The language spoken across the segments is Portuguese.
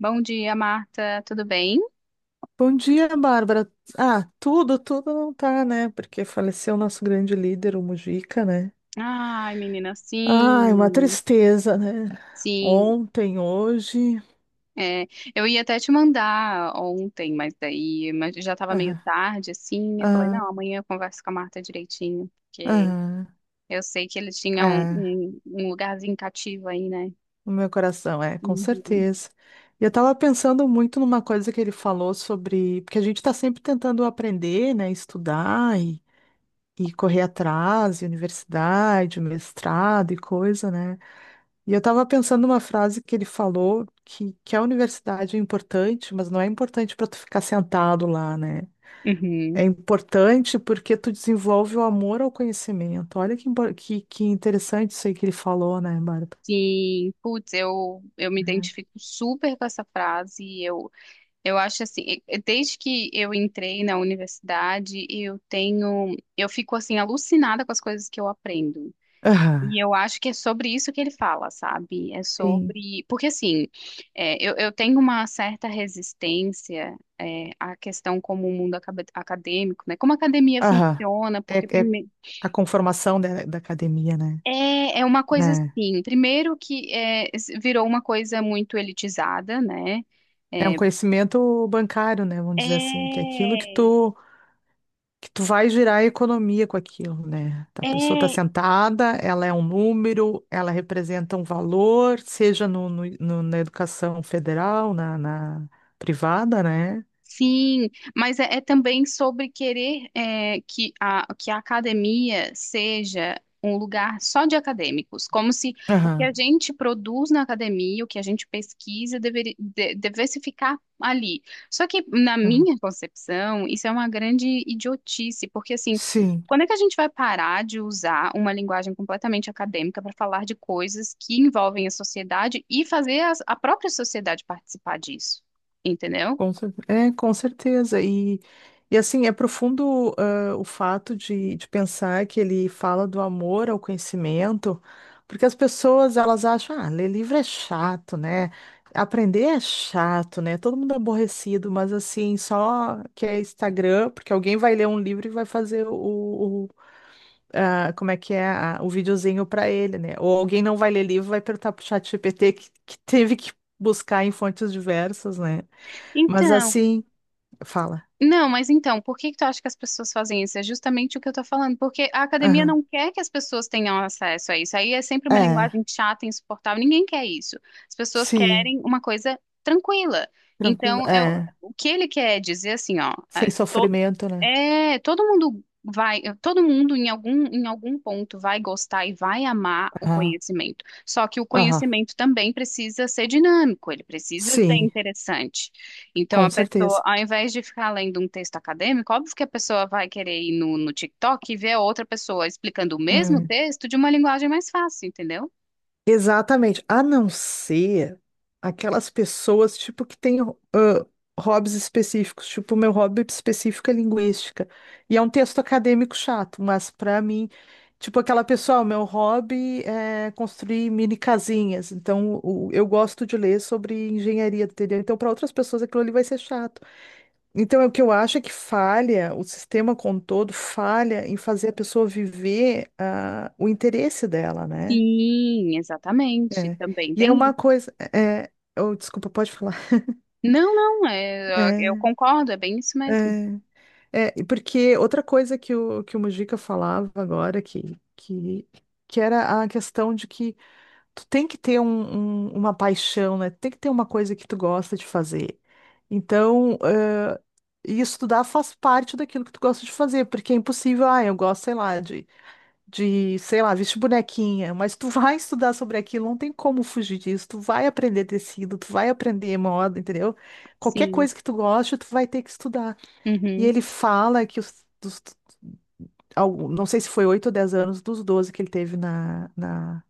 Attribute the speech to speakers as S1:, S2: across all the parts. S1: Bom dia, Marta. Tudo bem?
S2: Bom dia, Bárbara. Ah, tudo, não tá, né? Porque faleceu o nosso grande líder, o Mujica, né?
S1: Ai, menina,
S2: Ai, uma
S1: sim.
S2: tristeza, né?
S1: Sim,
S2: Ontem, hoje.
S1: é, eu ia até te mandar ontem, mas daí já estava meio
S2: Ah,
S1: tarde, assim. Eu falei, não,
S2: ah,
S1: amanhã eu converso com a Marta direitinho, porque
S2: ah,
S1: eu sei que ele tinha um,
S2: ah,
S1: um, um lugarzinho cativo aí, né?
S2: o meu coração, é, com
S1: Uhum.
S2: certeza. E eu tava pensando muito numa coisa que ele falou sobre. Porque a gente tá sempre tentando aprender, né? Estudar e correr atrás, e universidade, mestrado e coisa, né? E eu estava pensando numa frase que ele falou, que a universidade é importante, mas não é importante para tu ficar sentado lá, né? É
S1: Uhum.
S2: importante porque tu desenvolve o amor ao conhecimento. Olha que, que interessante isso aí que ele falou, né, Bárbara?
S1: Sim, putz, eu me identifico super com essa frase. Eu acho assim, e desde que eu entrei na universidade, eu tenho, eu fico assim alucinada com as coisas que eu aprendo.
S2: Aham,
S1: E eu acho que é sobre isso que ele fala, sabe? É
S2: sim.
S1: sobre, porque assim, eu tenho uma certa resistência, à questão como o mundo acadêmico, né? Como a academia
S2: Aham.
S1: funciona,
S2: É,
S1: porque
S2: é
S1: primeiro
S2: a conformação da academia, né?
S1: é uma coisa
S2: Né?
S1: assim, primeiro que virou uma coisa muito elitizada, né?
S2: É um
S1: É,
S2: conhecimento bancário, né? Vamos dizer assim, que é aquilo que
S1: é,
S2: tu que tu vai girar a economia com aquilo, né? Tá, a pessoa está
S1: é.
S2: sentada, ela é um número, ela representa um valor, seja na educação federal, na privada, né?
S1: Sim, mas é também sobre querer que a academia seja um lugar só de acadêmicos, como se o que a
S2: Aham,
S1: gente produz na academia, o que a gente pesquisa, devesse ficar ali. Só que, na
S2: aham.
S1: minha concepção, isso é uma grande idiotice, porque assim,
S2: Sim.
S1: quando é que a gente vai parar de usar uma linguagem completamente acadêmica para falar de coisas que envolvem a sociedade e fazer a própria sociedade participar disso? Entendeu?
S2: É, com certeza. E assim, é profundo, ah, o fato de pensar que ele fala do amor ao conhecimento, porque as pessoas elas acham, ah, ler livro é chato, né? Aprender é chato, né? Todo mundo é aborrecido, mas assim, só que é Instagram, porque alguém vai ler um livro e vai fazer o, como é que é, o videozinho para ele, né? Ou alguém não vai ler livro, vai perguntar pro ChatGPT que teve que buscar em fontes diversas, né? Mas
S1: Então,
S2: assim. Fala.
S1: não, mas então, por que que tu acha que as pessoas fazem isso? É justamente o que eu tô falando, porque a academia não
S2: Aham.
S1: quer que as pessoas tenham acesso a isso. Aí é sempre uma
S2: É,
S1: linguagem chata, insuportável, ninguém quer isso. As pessoas
S2: sim,
S1: querem uma coisa tranquila.
S2: tranquilo.
S1: Então, é o
S2: É,
S1: o que ele quer dizer assim, ó,
S2: sem sofrimento, né?
S1: todo mundo vai, todo mundo em algum ponto vai gostar e vai amar o
S2: Aham.
S1: conhecimento. Só que o
S2: Aham.
S1: conhecimento também precisa ser dinâmico, ele precisa ser
S2: Sim,
S1: interessante. Então,
S2: com
S1: a pessoa,
S2: certeza.
S1: ao invés de ficar lendo um texto acadêmico, óbvio que a pessoa vai querer ir no TikTok e ver outra pessoa explicando o mesmo
S2: Hum.
S1: texto de uma linguagem mais fácil, entendeu?
S2: Exatamente. A não ser aquelas pessoas, tipo, que têm ah, hobbies específicos. Tipo, o meu hobby específico é linguística. E é um texto acadêmico chato, mas pra mim, tipo, aquela pessoa, "Ah, o meu hobby é construir mini casinhas. Então, eu gosto de ler sobre engenharia, entendeu? Então, para outras pessoas, aquilo ali vai ser chato. Então, é o que eu acho é que falha, o sistema como um todo falha em fazer a pessoa viver ah, o interesse dela, né?
S1: Sim, exatamente.
S2: É.
S1: Também
S2: E é
S1: tem
S2: uma
S1: isso.
S2: coisa. É, é, oh, desculpa, pode falar.
S1: Não, não, eu
S2: É,
S1: concordo, é bem isso mesmo.
S2: é, e porque outra coisa que o Mujica falava agora, que era a questão de que tu tem que ter uma paixão, né? Tem que ter uma coisa que tu gosta de fazer. Então, e estudar faz parte daquilo que tu gosta de fazer, porque é impossível, ah, eu gosto, sei lá, sei lá, vestir bonequinha, mas tu vai estudar sobre aquilo, não tem como fugir disso, tu vai aprender tecido, tu vai aprender moda, entendeu? Qualquer
S1: Sim.
S2: coisa que tu goste, tu vai ter que estudar. E
S1: Uhum.
S2: ele fala que não sei se foi 8 ou 10 anos dos 12 que ele teve na, na,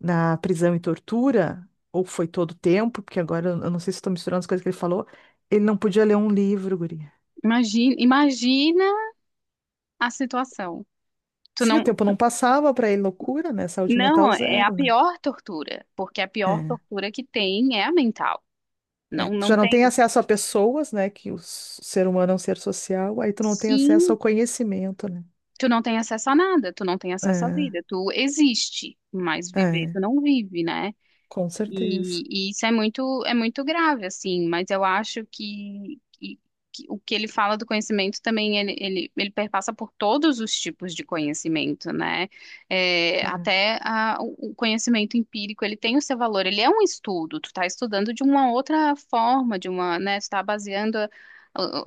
S2: na prisão e tortura, ou foi todo o tempo, porque agora eu não sei se estou misturando as coisas que ele falou, ele não podia ler um livro, guri.
S1: Imagina, imagina a situação. Tu
S2: Sim, o
S1: não,
S2: tempo não passava para ele, loucura, né? Saúde mental
S1: não, é a
S2: zero, né?
S1: pior tortura, porque a pior
S2: É,
S1: tortura que tem é a mental.
S2: é.
S1: Não,
S2: Tu
S1: não
S2: já não tem
S1: tem.
S2: acesso a pessoas, né? Que o ser humano é um ser social, aí tu não tem acesso
S1: Sim,
S2: ao conhecimento, né?
S1: tu não tem acesso a nada, tu não tem acesso à vida, tu existe, mas
S2: É,
S1: viver
S2: é,
S1: tu não vive, né?
S2: com certeza.
S1: E isso é muito grave, assim, mas eu acho que, que o que ele fala do conhecimento também, ele perpassa por todos os tipos de conhecimento, né? É,
S2: É,
S1: até o o conhecimento empírico, ele tem o seu valor, ele é um estudo, tu tá estudando de uma outra forma, de uma, né, tu tá baseando a-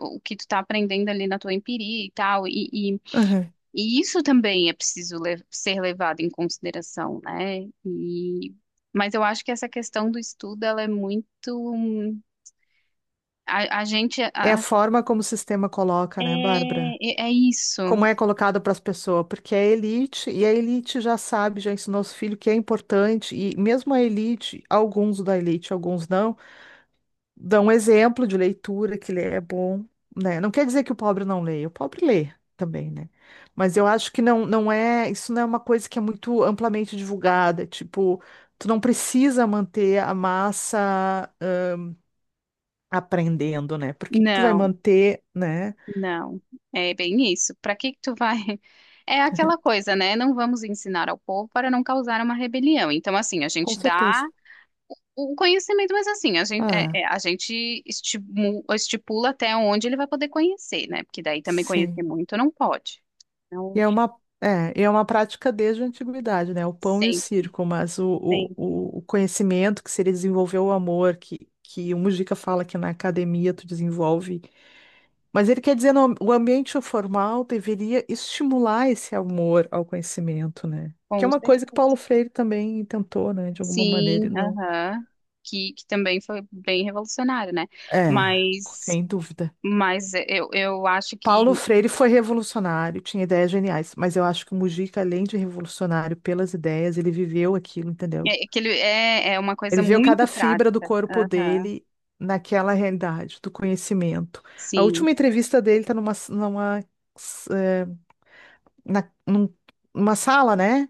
S1: o, o que tu tá aprendendo ali na tua empiria e tal,
S2: uhum.
S1: e isso também é preciso ser levado em consideração, né? E, mas eu acho que essa questão do estudo, ela é muito... A, a gente...
S2: É a
S1: a-
S2: forma como o sistema coloca, né,
S1: é,
S2: Bárbara?
S1: é isso.
S2: Como é colocado para as pessoas, porque é elite, e a elite já sabe, já ensinou os filhos que é importante, e mesmo a elite, alguns da elite, alguns não. Dá um exemplo de leitura que ler é bom, né? Não quer dizer que o pobre não leia, o pobre lê também, né? Mas eu acho que não, é, isso não é uma coisa que é muito amplamente divulgada, é tipo, tu não precisa manter a massa ah, aprendendo, né? Por que que tu vai
S1: Não,
S2: manter, né?
S1: não. É bem isso. Para que que tu vai... É aquela coisa, né? Não vamos ensinar ao povo para não causar uma rebelião. Então, assim, a
S2: Com
S1: gente
S2: certeza.
S1: dá o conhecimento, mas assim, a gente,
S2: Ah,
S1: a gente estipula até onde ele vai poder conhecer, né? Porque daí também conhecer
S2: sim.
S1: muito não pode.
S2: E
S1: Então,
S2: é uma, é, e é uma prática desde a antiguidade, né? O pão e o
S1: sim,
S2: circo, mas o,
S1: sim,
S2: o, o o conhecimento que se ele desenvolveu o amor, que o Mujica fala que na academia tu desenvolve. Mas ele quer dizer, no, o ambiente formal deveria estimular esse amor ao conhecimento, né? Que é
S1: com
S2: uma coisa que
S1: certeza.
S2: Paulo Freire também tentou, né? De alguma maneira,
S1: Sim,
S2: e não.
S1: aham. Que também foi bem revolucionário, né?
S2: É,
S1: Mas,
S2: sem dúvida.
S1: mas eu acho
S2: Paulo
S1: que,
S2: Freire foi revolucionário, tinha ideias geniais, mas eu acho que o Mujica, além de revolucionário pelas ideias, ele viveu aquilo, entendeu?
S1: é, é que ele é, é uma coisa
S2: Ele viveu cada
S1: muito
S2: fibra do
S1: prática.
S2: corpo
S1: Aham,
S2: dele naquela realidade do conhecimento. A
S1: sim,
S2: última entrevista dele está numa, numa, eh, na- num- numa sala, né?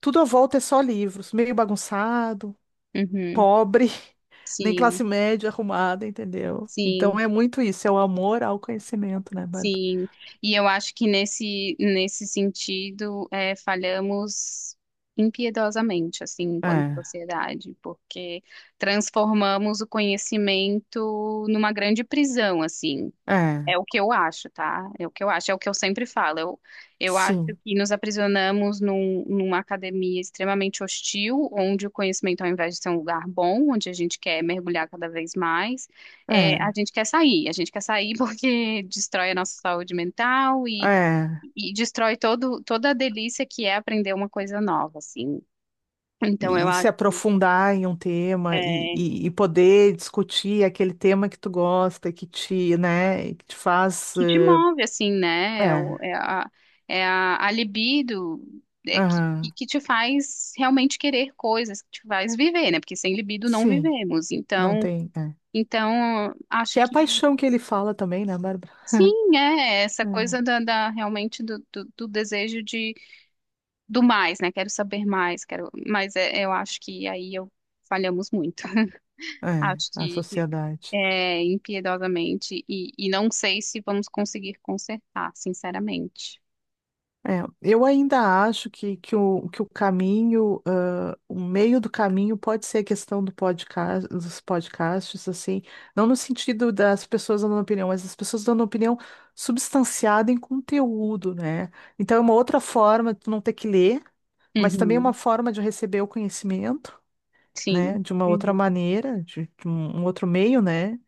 S2: Tudo à volta é só livros, meio bagunçado,
S1: uhum,
S2: pobre, nem
S1: sim,
S2: classe média arrumada, entendeu? Então
S1: sim.
S2: é muito isso, é o amor ao conhecimento, né, Bárbara?
S1: Sim, e eu acho que nesse, nesse sentido é, falhamos impiedosamente, assim, enquanto
S2: É,
S1: sociedade, porque transformamos o conhecimento numa grande prisão, assim.
S2: é,
S1: É o que eu acho, tá? É o que eu acho, é o que eu sempre falo. Eu acho
S2: sim,
S1: que nos aprisionamos numa academia extremamente hostil, onde o conhecimento, ao invés de ser um lugar bom, onde a gente quer mergulhar cada vez mais, a
S2: é,
S1: gente quer sair. A gente quer sair porque destrói a nossa saúde mental
S2: é.
S1: e destrói todo, toda a delícia que é aprender uma coisa nova, assim. Então, eu
S2: E se
S1: acho.
S2: aprofundar em um tema e,
S1: É,
S2: e, e poder discutir aquele tema que tu gosta, que te, né, que te faz.
S1: que te
S2: Eh,
S1: move, assim, né? É,
S2: é,
S1: é a, é a libido é, que,
S2: aham,
S1: que te faz realmente querer coisas, que te faz viver, né? Porque sem libido não
S2: sim,
S1: vivemos.
S2: não
S1: Então,
S2: tem. É.
S1: então acho
S2: Que é a
S1: que
S2: paixão que ele fala também, né, Bárbara?
S1: sim, é essa coisa realmente do desejo de do mais, né? Quero saber mais, quero, mas eu acho que aí eu falhamos muito.
S2: É, é,
S1: Acho
S2: a
S1: que
S2: sociedade.
S1: é impiedosamente e não sei se vamos conseguir consertar, sinceramente.
S2: É, eu ainda acho que o caminho, ah, o meio do caminho pode ser a questão do podcast, dos podcasts, assim, não no sentido das pessoas dando opinião, mas as pessoas dando opinião substanciada em conteúdo, né? Então é uma outra forma de tu não ter que ler, mas também é uma
S1: Uhum.
S2: forma de receber o conhecimento, né?
S1: Sim.
S2: De uma outra
S1: Uhum.
S2: maneira, de um outro meio, né?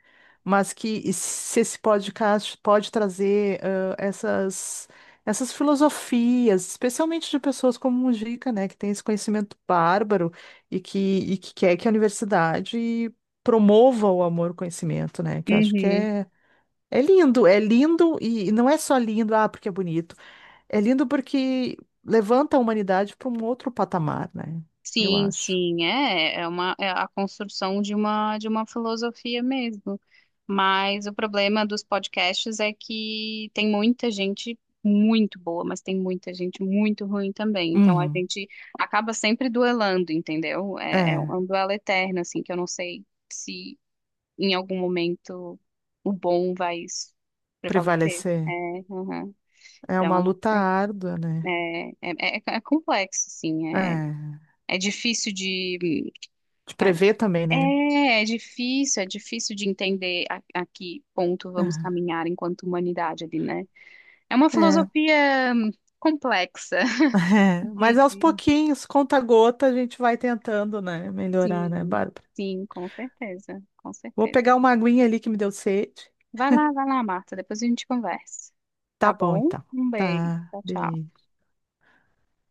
S2: Mas que se esse podcast pode trazer ah, essas, essas filosofias, especialmente de pessoas como o Mujica, né? Que tem esse conhecimento bárbaro e que quer que a universidade promova o amor ao conhecimento, né? Que eu acho que
S1: Uhum.
S2: é. É lindo e não é só lindo, ah, porque é bonito. É lindo porque levanta a humanidade para um outro patamar, né? Eu
S1: Sim,
S2: acho.
S1: sim, é, é uma é a construção de uma filosofia mesmo. Mas o problema dos podcasts é que tem muita gente muito boa, mas tem muita gente muito ruim também. Então a
S2: Uhum.
S1: gente acaba sempre duelando, entendeu? É, é
S2: É.
S1: um duelo eterno, assim, que eu não sei se em algum momento o bom vai prevalecer. É,
S2: Prevalecer.
S1: uhum.
S2: É
S1: Então
S2: uma
S1: eu não
S2: luta
S1: sei.
S2: árdua, né?
S1: É complexo, assim, é,
S2: É,
S1: é difícil de...
S2: de
S1: É,
S2: prever também, né?
S1: é difícil, é difícil de entender a que ponto vamos
S2: Aham.
S1: caminhar enquanto humanidade ali, né? É uma
S2: É,
S1: filosofia complexa.
S2: é. Mas aos
S1: De-
S2: pouquinhos, conta gota, a gente vai tentando, né? Melhorar, né,
S1: Sim,
S2: Bárbara?
S1: sim, com certeza, com
S2: Vou
S1: certeza.
S2: pegar uma aguinha ali que me deu sede.
S1: Vai lá, Marta, depois a gente conversa.
S2: Tá
S1: Tá
S2: bom,
S1: bom?
S2: então.
S1: Um beijo,
S2: Tá,
S1: tchau, tchau.
S2: beijo.